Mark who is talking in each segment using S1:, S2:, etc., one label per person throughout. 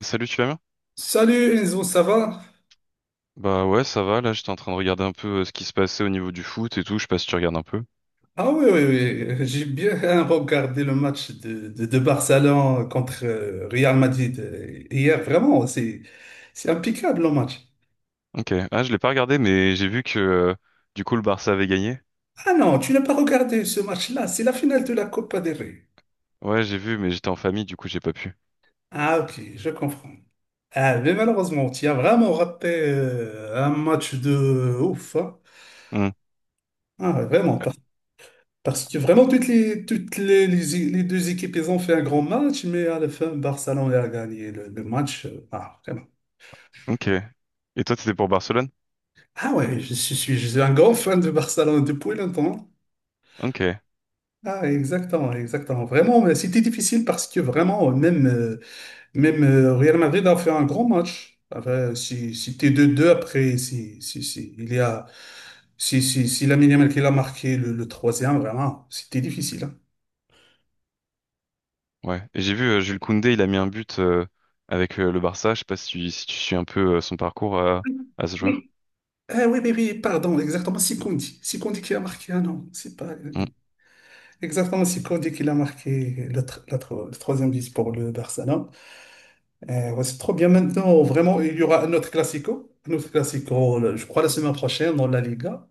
S1: Salut, tu vas bien?
S2: Salut Enzo, ça va?
S1: Bah ouais, ça va. Là, j'étais en train de regarder un peu ce qui se passait au niveau du foot et tout. Je sais pas si tu regardes un peu.
S2: Ah oui, oui, oui. J'ai bien regardé le match de Barcelone contre Real Madrid hier. Vraiment, c'est impeccable le match.
S1: Ok. Ah, je l'ai pas regardé, mais j'ai vu que du coup le Barça avait gagné.
S2: Ah non, tu n'as pas regardé ce match-là. C'est la finale de la Copa del Rey.
S1: Ouais, j'ai vu, mais j'étais en famille, du coup j'ai pas pu.
S2: Ah ok, je comprends. Ah, mais malheureusement, tu as vraiment raté un match de ouf, hein.
S1: Hmm,
S2: Ah, vraiment, parce que vraiment, les deux équipes, elles ont fait un grand match, mais à la fin, Barcelone a gagné le match. Vraiment.
S1: ok. Et toi, t'étais pour Barcelone?
S2: Ah ouais, je suis je suis un grand fan de Barcelone depuis longtemps.
S1: Ok.
S2: Ah, exactement, exactement. Vraiment, mais c'était difficile parce que vraiment, même Real Madrid a fait un grand match. Après, si t'es deux 2 après, si il y a, si Lamine Yamal qui l'a marqué le troisième, vraiment, c'était difficile, hein.
S1: Ouais. Et j'ai vu Jules Koundé, il a mis un but avec le Barça. Je sais pas si tu, si tu suis un peu son parcours à ce joueur.
S2: Oui, ah, oui, oui, oui, pardon, exactement, c'est Kondi. C'est Kondi qui a marqué, ah non, c'est pas...
S1: Hmm,
S2: Exactement, c'est Kondi qui l'a marqué le troisième but pour le Barça. Ouais, c'est trop bien maintenant. Vraiment, il y aura un autre classico. Un autre classico, je crois, la semaine prochaine dans la Liga.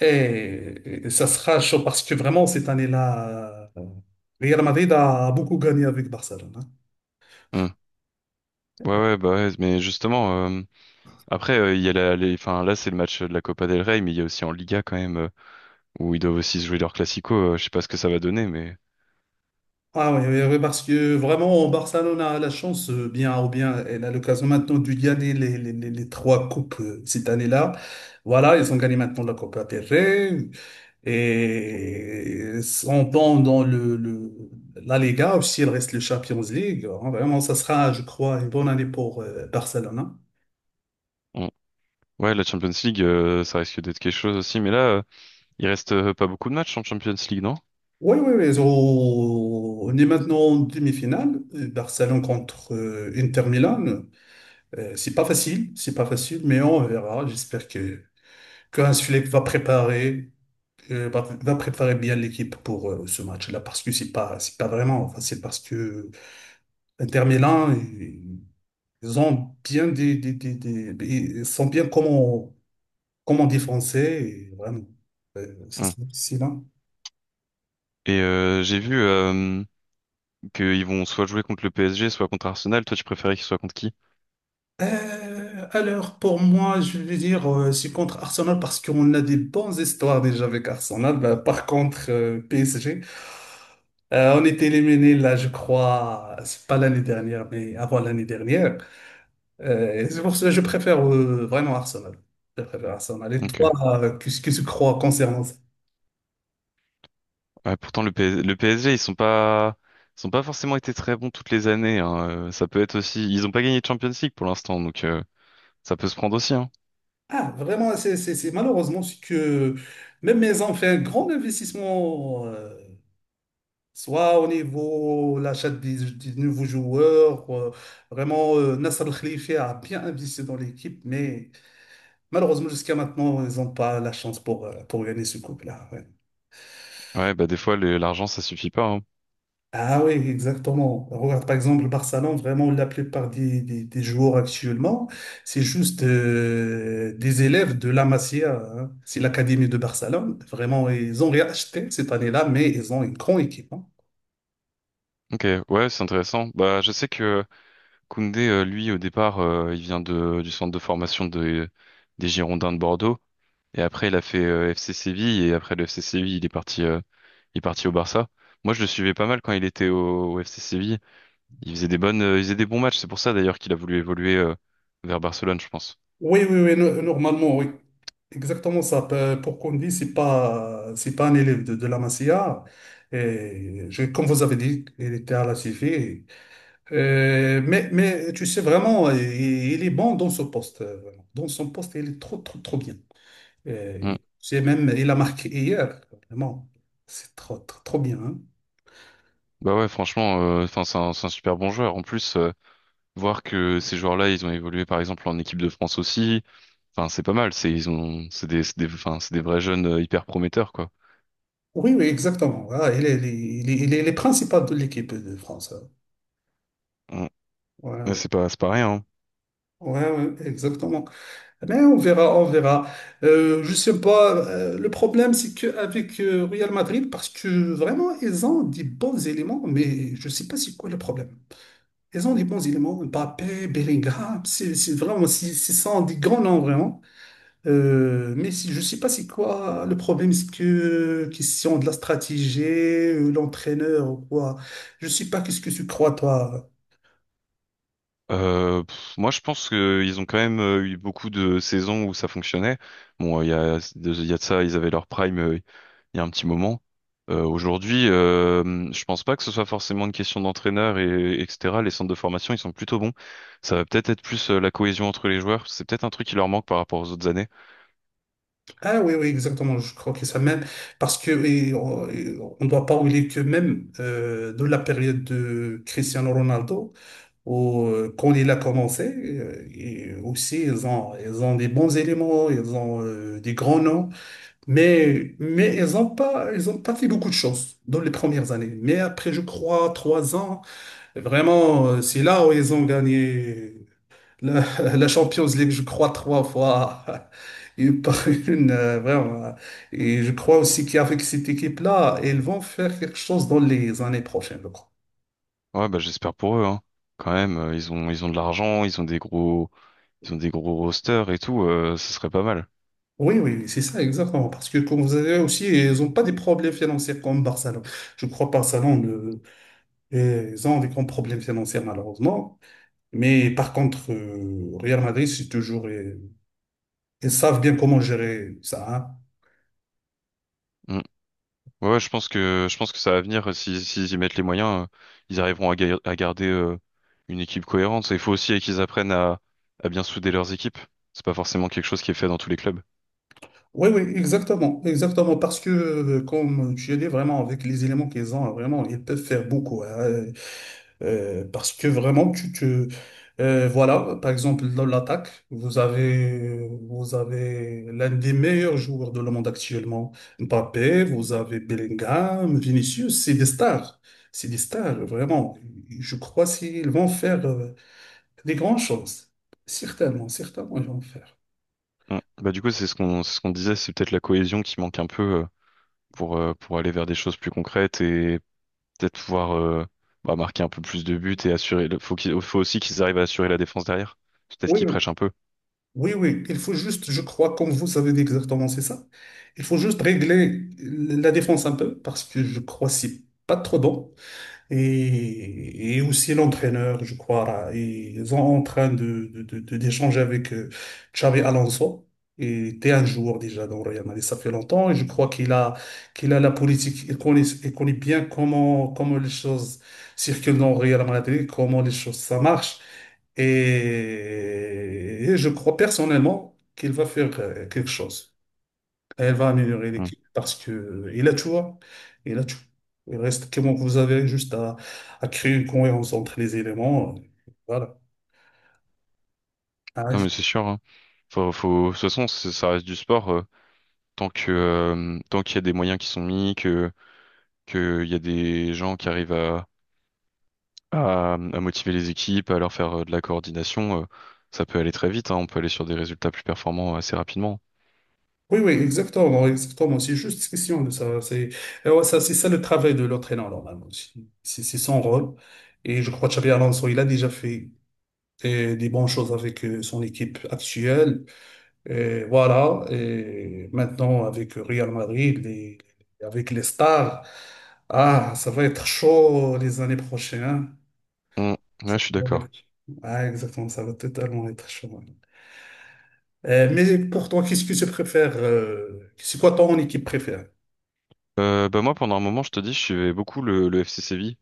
S2: Et ça sera chaud parce que vraiment, cette année-là, Real Madrid a beaucoup gagné avec Barcelone, hein.
S1: hmm. Ouais, ouais, bah ouais. Mais justement, après, il y a la, les, enfin, là, c'est le match de la Copa del Rey, mais il y a aussi en Liga quand même. Ou ils doivent aussi se jouer leur classico, je sais pas ce que ça va donner, mais...
S2: Ah oui, oui, oui, parce que vraiment, Barcelone a la chance, bien ou bien, elle a l'occasion maintenant de gagner les trois coupes cette année-là. Voilà, ils ont gagné maintenant la Copa del Rey et sont dans la Liga, aussi il reste le Champions League, hein. Vraiment, ça sera, je crois, une bonne année pour Barcelone, hein.
S1: on- Ouais, la Champions League, ça risque d'être quelque chose aussi, mais là, il reste pas beaucoup de matchs en Champions League, non?
S2: Oui, oui, oui. On est maintenant en demi-finale. Barcelone contre Inter Milan. C'est pas facile, mais on verra. J'espère que Hans Flick va préparer, va va préparer bien l'équipe pour ce match-là, parce que c'est pas vraiment facile, parce que Inter Milan, ils ont bien ils sont bien comment défoncer, et vraiment, ça
S1: Hum.
S2: sera difficile, hein.
S1: Et j'ai vu qu'ils vont soit jouer contre le PSG, soit contre Arsenal. Toi, tu préférais qu'ils soient contre qui?
S2: Alors, pour moi, je vais dire, je suis contre Arsenal parce qu'on a des bonnes histoires déjà avec Arsenal. Bah, par contre, PSG, on était éliminé là, je crois, c'est pas l'année dernière, mais avant l'année dernière. Et c'est pour ça que je préfère vraiment Arsenal. Je préfère Arsenal. Et toi,
S1: Ok.
S2: qu'est-ce que tu crois concernant ça?
S1: Ouais, pourtant, le PSG, ils sont pas forcément été très bons toutes les années, hein. Ça peut être aussi... Ils ont pas gagné de Champions League pour l'instant, donc ça peut se prendre aussi, hein.
S2: Ah, vraiment, malheureusement, c'est que même ils ont fait un grand investissement, soit au niveau l'achat des nouveaux joueurs. Vraiment, Nasser El Khelaifi a bien investi dans l'équipe, mais malheureusement, jusqu'à maintenant, ils n'ont pas la chance pour gagner ce couple-là, ouais.
S1: Ouais, bah des fois, l'argent, ça suffit pas, hein.
S2: Ah oui, exactement. Regarde, par exemple, le Barcelone, vraiment, la plupart des joueurs actuellement, c'est juste des élèves de la Masia, hein. C'est l'académie de Barcelone. Vraiment, ils ont réacheté cette année-là, mais ils ont une grande équipe, hein.
S1: Ok, ouais, c'est intéressant. Bah, je sais que Koundé, lui, au départ, il vient de, du centre de formation de, des Girondins de Bordeaux. Et après, il a fait FC Séville. Et après le FC Séville, il est parti au Barça. Moi, je le suivais pas mal quand il était au FC Séville. Il faisait des bonnes, il faisait des bons matchs. C'est pour ça, d'ailleurs, qu'il a voulu évoluer vers Barcelone, je pense.
S2: Oui, oui, oui, normalement, oui. Exactement ça. Pour Kondi, c'est pas un élève de la Masia. Et je, comme vous avez dit, il était à la CV. Mais tu sais vraiment, il est bon dans ce poste, vraiment. Dans son poste, il est trop, trop, trop bien.
S1: Mm.
S2: C'est même, il a marqué hier. Vraiment, c'est trop, trop, trop bien, hein.
S1: Bah ouais, franchement, enfin, c'est un super bon joueur. En plus, voir que ces joueurs-là, ils ont évolué par exemple en équipe de France aussi. Enfin, c'est pas mal. C'est ils ont, enfin, c'est des vrais jeunes hyper prometteurs quoi.
S2: Oui, oui, exactement. Ah, il est, il est, il est, il est- Il est principal de l'équipe de France, hein.
S1: Mm.
S2: Ouais,
S1: Ouais,
S2: ouais,
S1: c'est pas, c'est pas rien, hein.
S2: ouais, ouais, exactement. Mais on verra, on verra. Je sais pas. Le problème, c'est qu'avec Real Madrid, parce que vraiment, ils ont des bons éléments, mais je sais pas c'est quoi le problème. Ils ont des bons éléments. Mbappé, Bellingham, c'est vraiment, c'est ce sont des grands noms, vraiment. Mais si, je sais pas c'est quoi le problème, c'est que question de la stratégie, l'entraîneur ou quoi. Je sais pas qu'est-ce que tu crois, toi.
S1: Moi, je pense qu'ils ont quand même eu beaucoup de saisons où ça fonctionnait. Bon, il y a de ça, ils avaient leur prime il y a un petit moment. Aujourd'hui, je pense pas que ce soit forcément une question d'entraîneur et etc. Les centres de formation, ils sont plutôt bons. Ça va peut-être être plus la cohésion entre les joueurs. C'est peut-être un truc qui leur manque par rapport aux autres années.
S2: Ah oui, oui, exactement. Je crois que ça même, parce que et on ne doit pas oublier que même de la période de Cristiano Ronaldo, quand il a commencé, ils ont des bons éléments, ils ont des grands noms, mais ils ont pas fait beaucoup de choses dans les premières années. Mais après, je crois, trois ans, vraiment, c'est là où ils ont gagné la, la Champions League, je crois, trois fois. Et par une, vraiment. Et je crois aussi qu'avec cette équipe-là, ils vont faire quelque chose dans les années prochaines, je crois.
S1: Ouais, bah j'espère pour eux, hein. Quand même, ils ont de l'argent, ils ont des gros ils ont des gros rosters et tout. Ce serait pas mal.
S2: Oui, oui, oui, c'est ça, exactement. Parce que, comme vous avez aussi, ils n'ont pas des problèmes financiers comme Barcelone. Je crois que ils ont des grands problèmes financiers, malheureusement. Mais par contre, Real Madrid, c'est toujours, ils savent bien comment gérer ça, hein.
S1: Ouais, ouais, je pense que ça va venir. Si s'ils y mettent les moyens, ils arriveront à, à garder une équipe cohérente. Il faut aussi qu'ils apprennent à bien souder leurs équipes. C'est pas forcément quelque chose qui est fait dans tous les clubs.
S2: Oui, oui, exactement, exactement, parce que, comme tu as dit, vraiment, avec les éléments qu'ils ont, vraiment, ils peuvent faire beaucoup, hein, parce que vraiment, voilà, par exemple, dans l'attaque, vous avez l'un des meilleurs joueurs de le monde actuellement, Mbappé, vous avez Bellingham, Vinicius, c'est des stars, vraiment, je crois qu'ils vont faire, des grandes choses, certainement, certainement, ils vont faire.
S1: Mm. Bah du coup, c'est ce qu'on disait, c'est peut-être la cohésion qui manque un peu pour aller vers des choses plus concrètes et peut-être pouvoir bah, marquer un peu plus de buts et assurer. Le, faut aussi qu'ils arrivent à assurer la défense derrière. C'est peut-être qu'ils prêchent un peu.
S2: Oui, oui, il faut juste, je crois, comme vous avez dit exactement, c'est ça. Il faut juste régler la défense un peu, parce que je crois que c'est pas trop bon et aussi l'entraîneur, je crois là. Et ils sont en train d'échanger avec Xabi Alonso. Et était un joueur déjà dans le Real Madrid, ça fait longtemps, et je crois qu'il a, qu'il a la politique, il connaît bien comment, comment les choses circulent dans le Real Madrid, comment les choses, ça marche. Et, et je crois personnellement qu'il va faire quelque chose. Elle va améliorer
S1: Mm.
S2: l'équipe parce que, et là, tu vois, et là, tu, il reste que bon, vous avez juste à créer une cohérence entre les éléments. Voilà. Ah,
S1: Ah mais c'est sûr, hein. Faut, faut, de toute façon, ça reste du sport. Tant que tant qu'il y a des moyens qui sont mis, que il y a des gens qui arrivent à motiver les équipes, à leur faire de la coordination, ça peut aller très vite, hein, on peut aller sur des résultats plus performants assez rapidement.
S2: oui, oui, oui, exactement, exactement. C'est juste question de ça. Et ouais, ça, c'est ça le travail de l'entraîneur, normalement. C'est son rôle. Et je crois que Xabi Alonso, il a déjà fait des bonnes choses avec son équipe actuelle. Et voilà, et maintenant avec Real Madrid, avec les stars, ah, ça va être chaud les années prochaines.
S1: Mm.
S2: Ça
S1: Ouais, je suis
S2: va
S1: d'accord.
S2: être- Ah, exactement, ça va totalement être chaud. Mais pour toi, qu'est-ce que tu préfères? C'est quoi ton équipe préférée?
S1: Bah moi pendant un moment, je te dis, je suivais beaucoup le FC Séville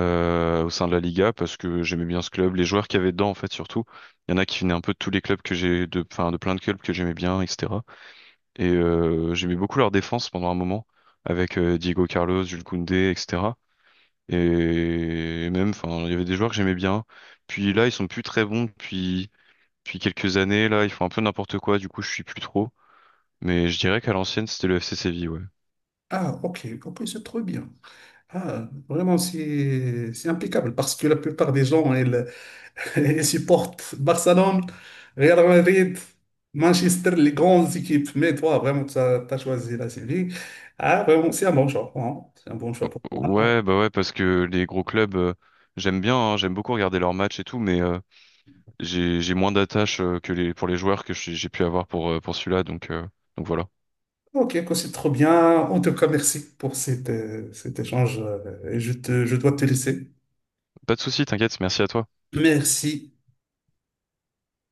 S1: au sein de la Liga parce que j'aimais bien ce club, les joueurs qu'il y avait dedans en fait surtout. Il y en a qui venaient un peu de tous les clubs que j'ai de enfin de plein de clubs que j'aimais bien, etc. Et j'aimais beaucoup leur défense pendant un moment, avec Diego Carlos, Jules Koundé, etc. Et même, enfin, il y avait des joueurs que j'aimais bien. Puis là, ils sont plus très bons depuis quelques années. Là, ils font un peu n'importe quoi, du coup, je suis plus trop. Mais je dirais qu'à l'ancienne, c'était le FC Séville, ouais.
S2: Ah, ok, ok, c'est trop bien. Ah, vraiment, c'est impeccable parce que la plupart des gens, ils, et supporte Barcelone, Real Madrid, Manchester, les grandes équipes. Mais toi, vraiment, tu as, choisi la Séville. Ah, vraiment, c'est un bon choix, hein. C'est un bon choix pour moi.
S1: Ouais, bah ouais, parce que les gros clubs, j'aime bien, hein, j'aime beaucoup regarder leurs matchs et tout, mais j'ai moins d'attache que les pour les joueurs que j'ai pu avoir pour celui-là, donc voilà.
S2: Ok, quoi, c'est trop bien. En tout cas, merci pour cet échange. Et je te, je dois te laisser.
S1: Pas de souci, t'inquiète, merci à toi.
S2: Merci.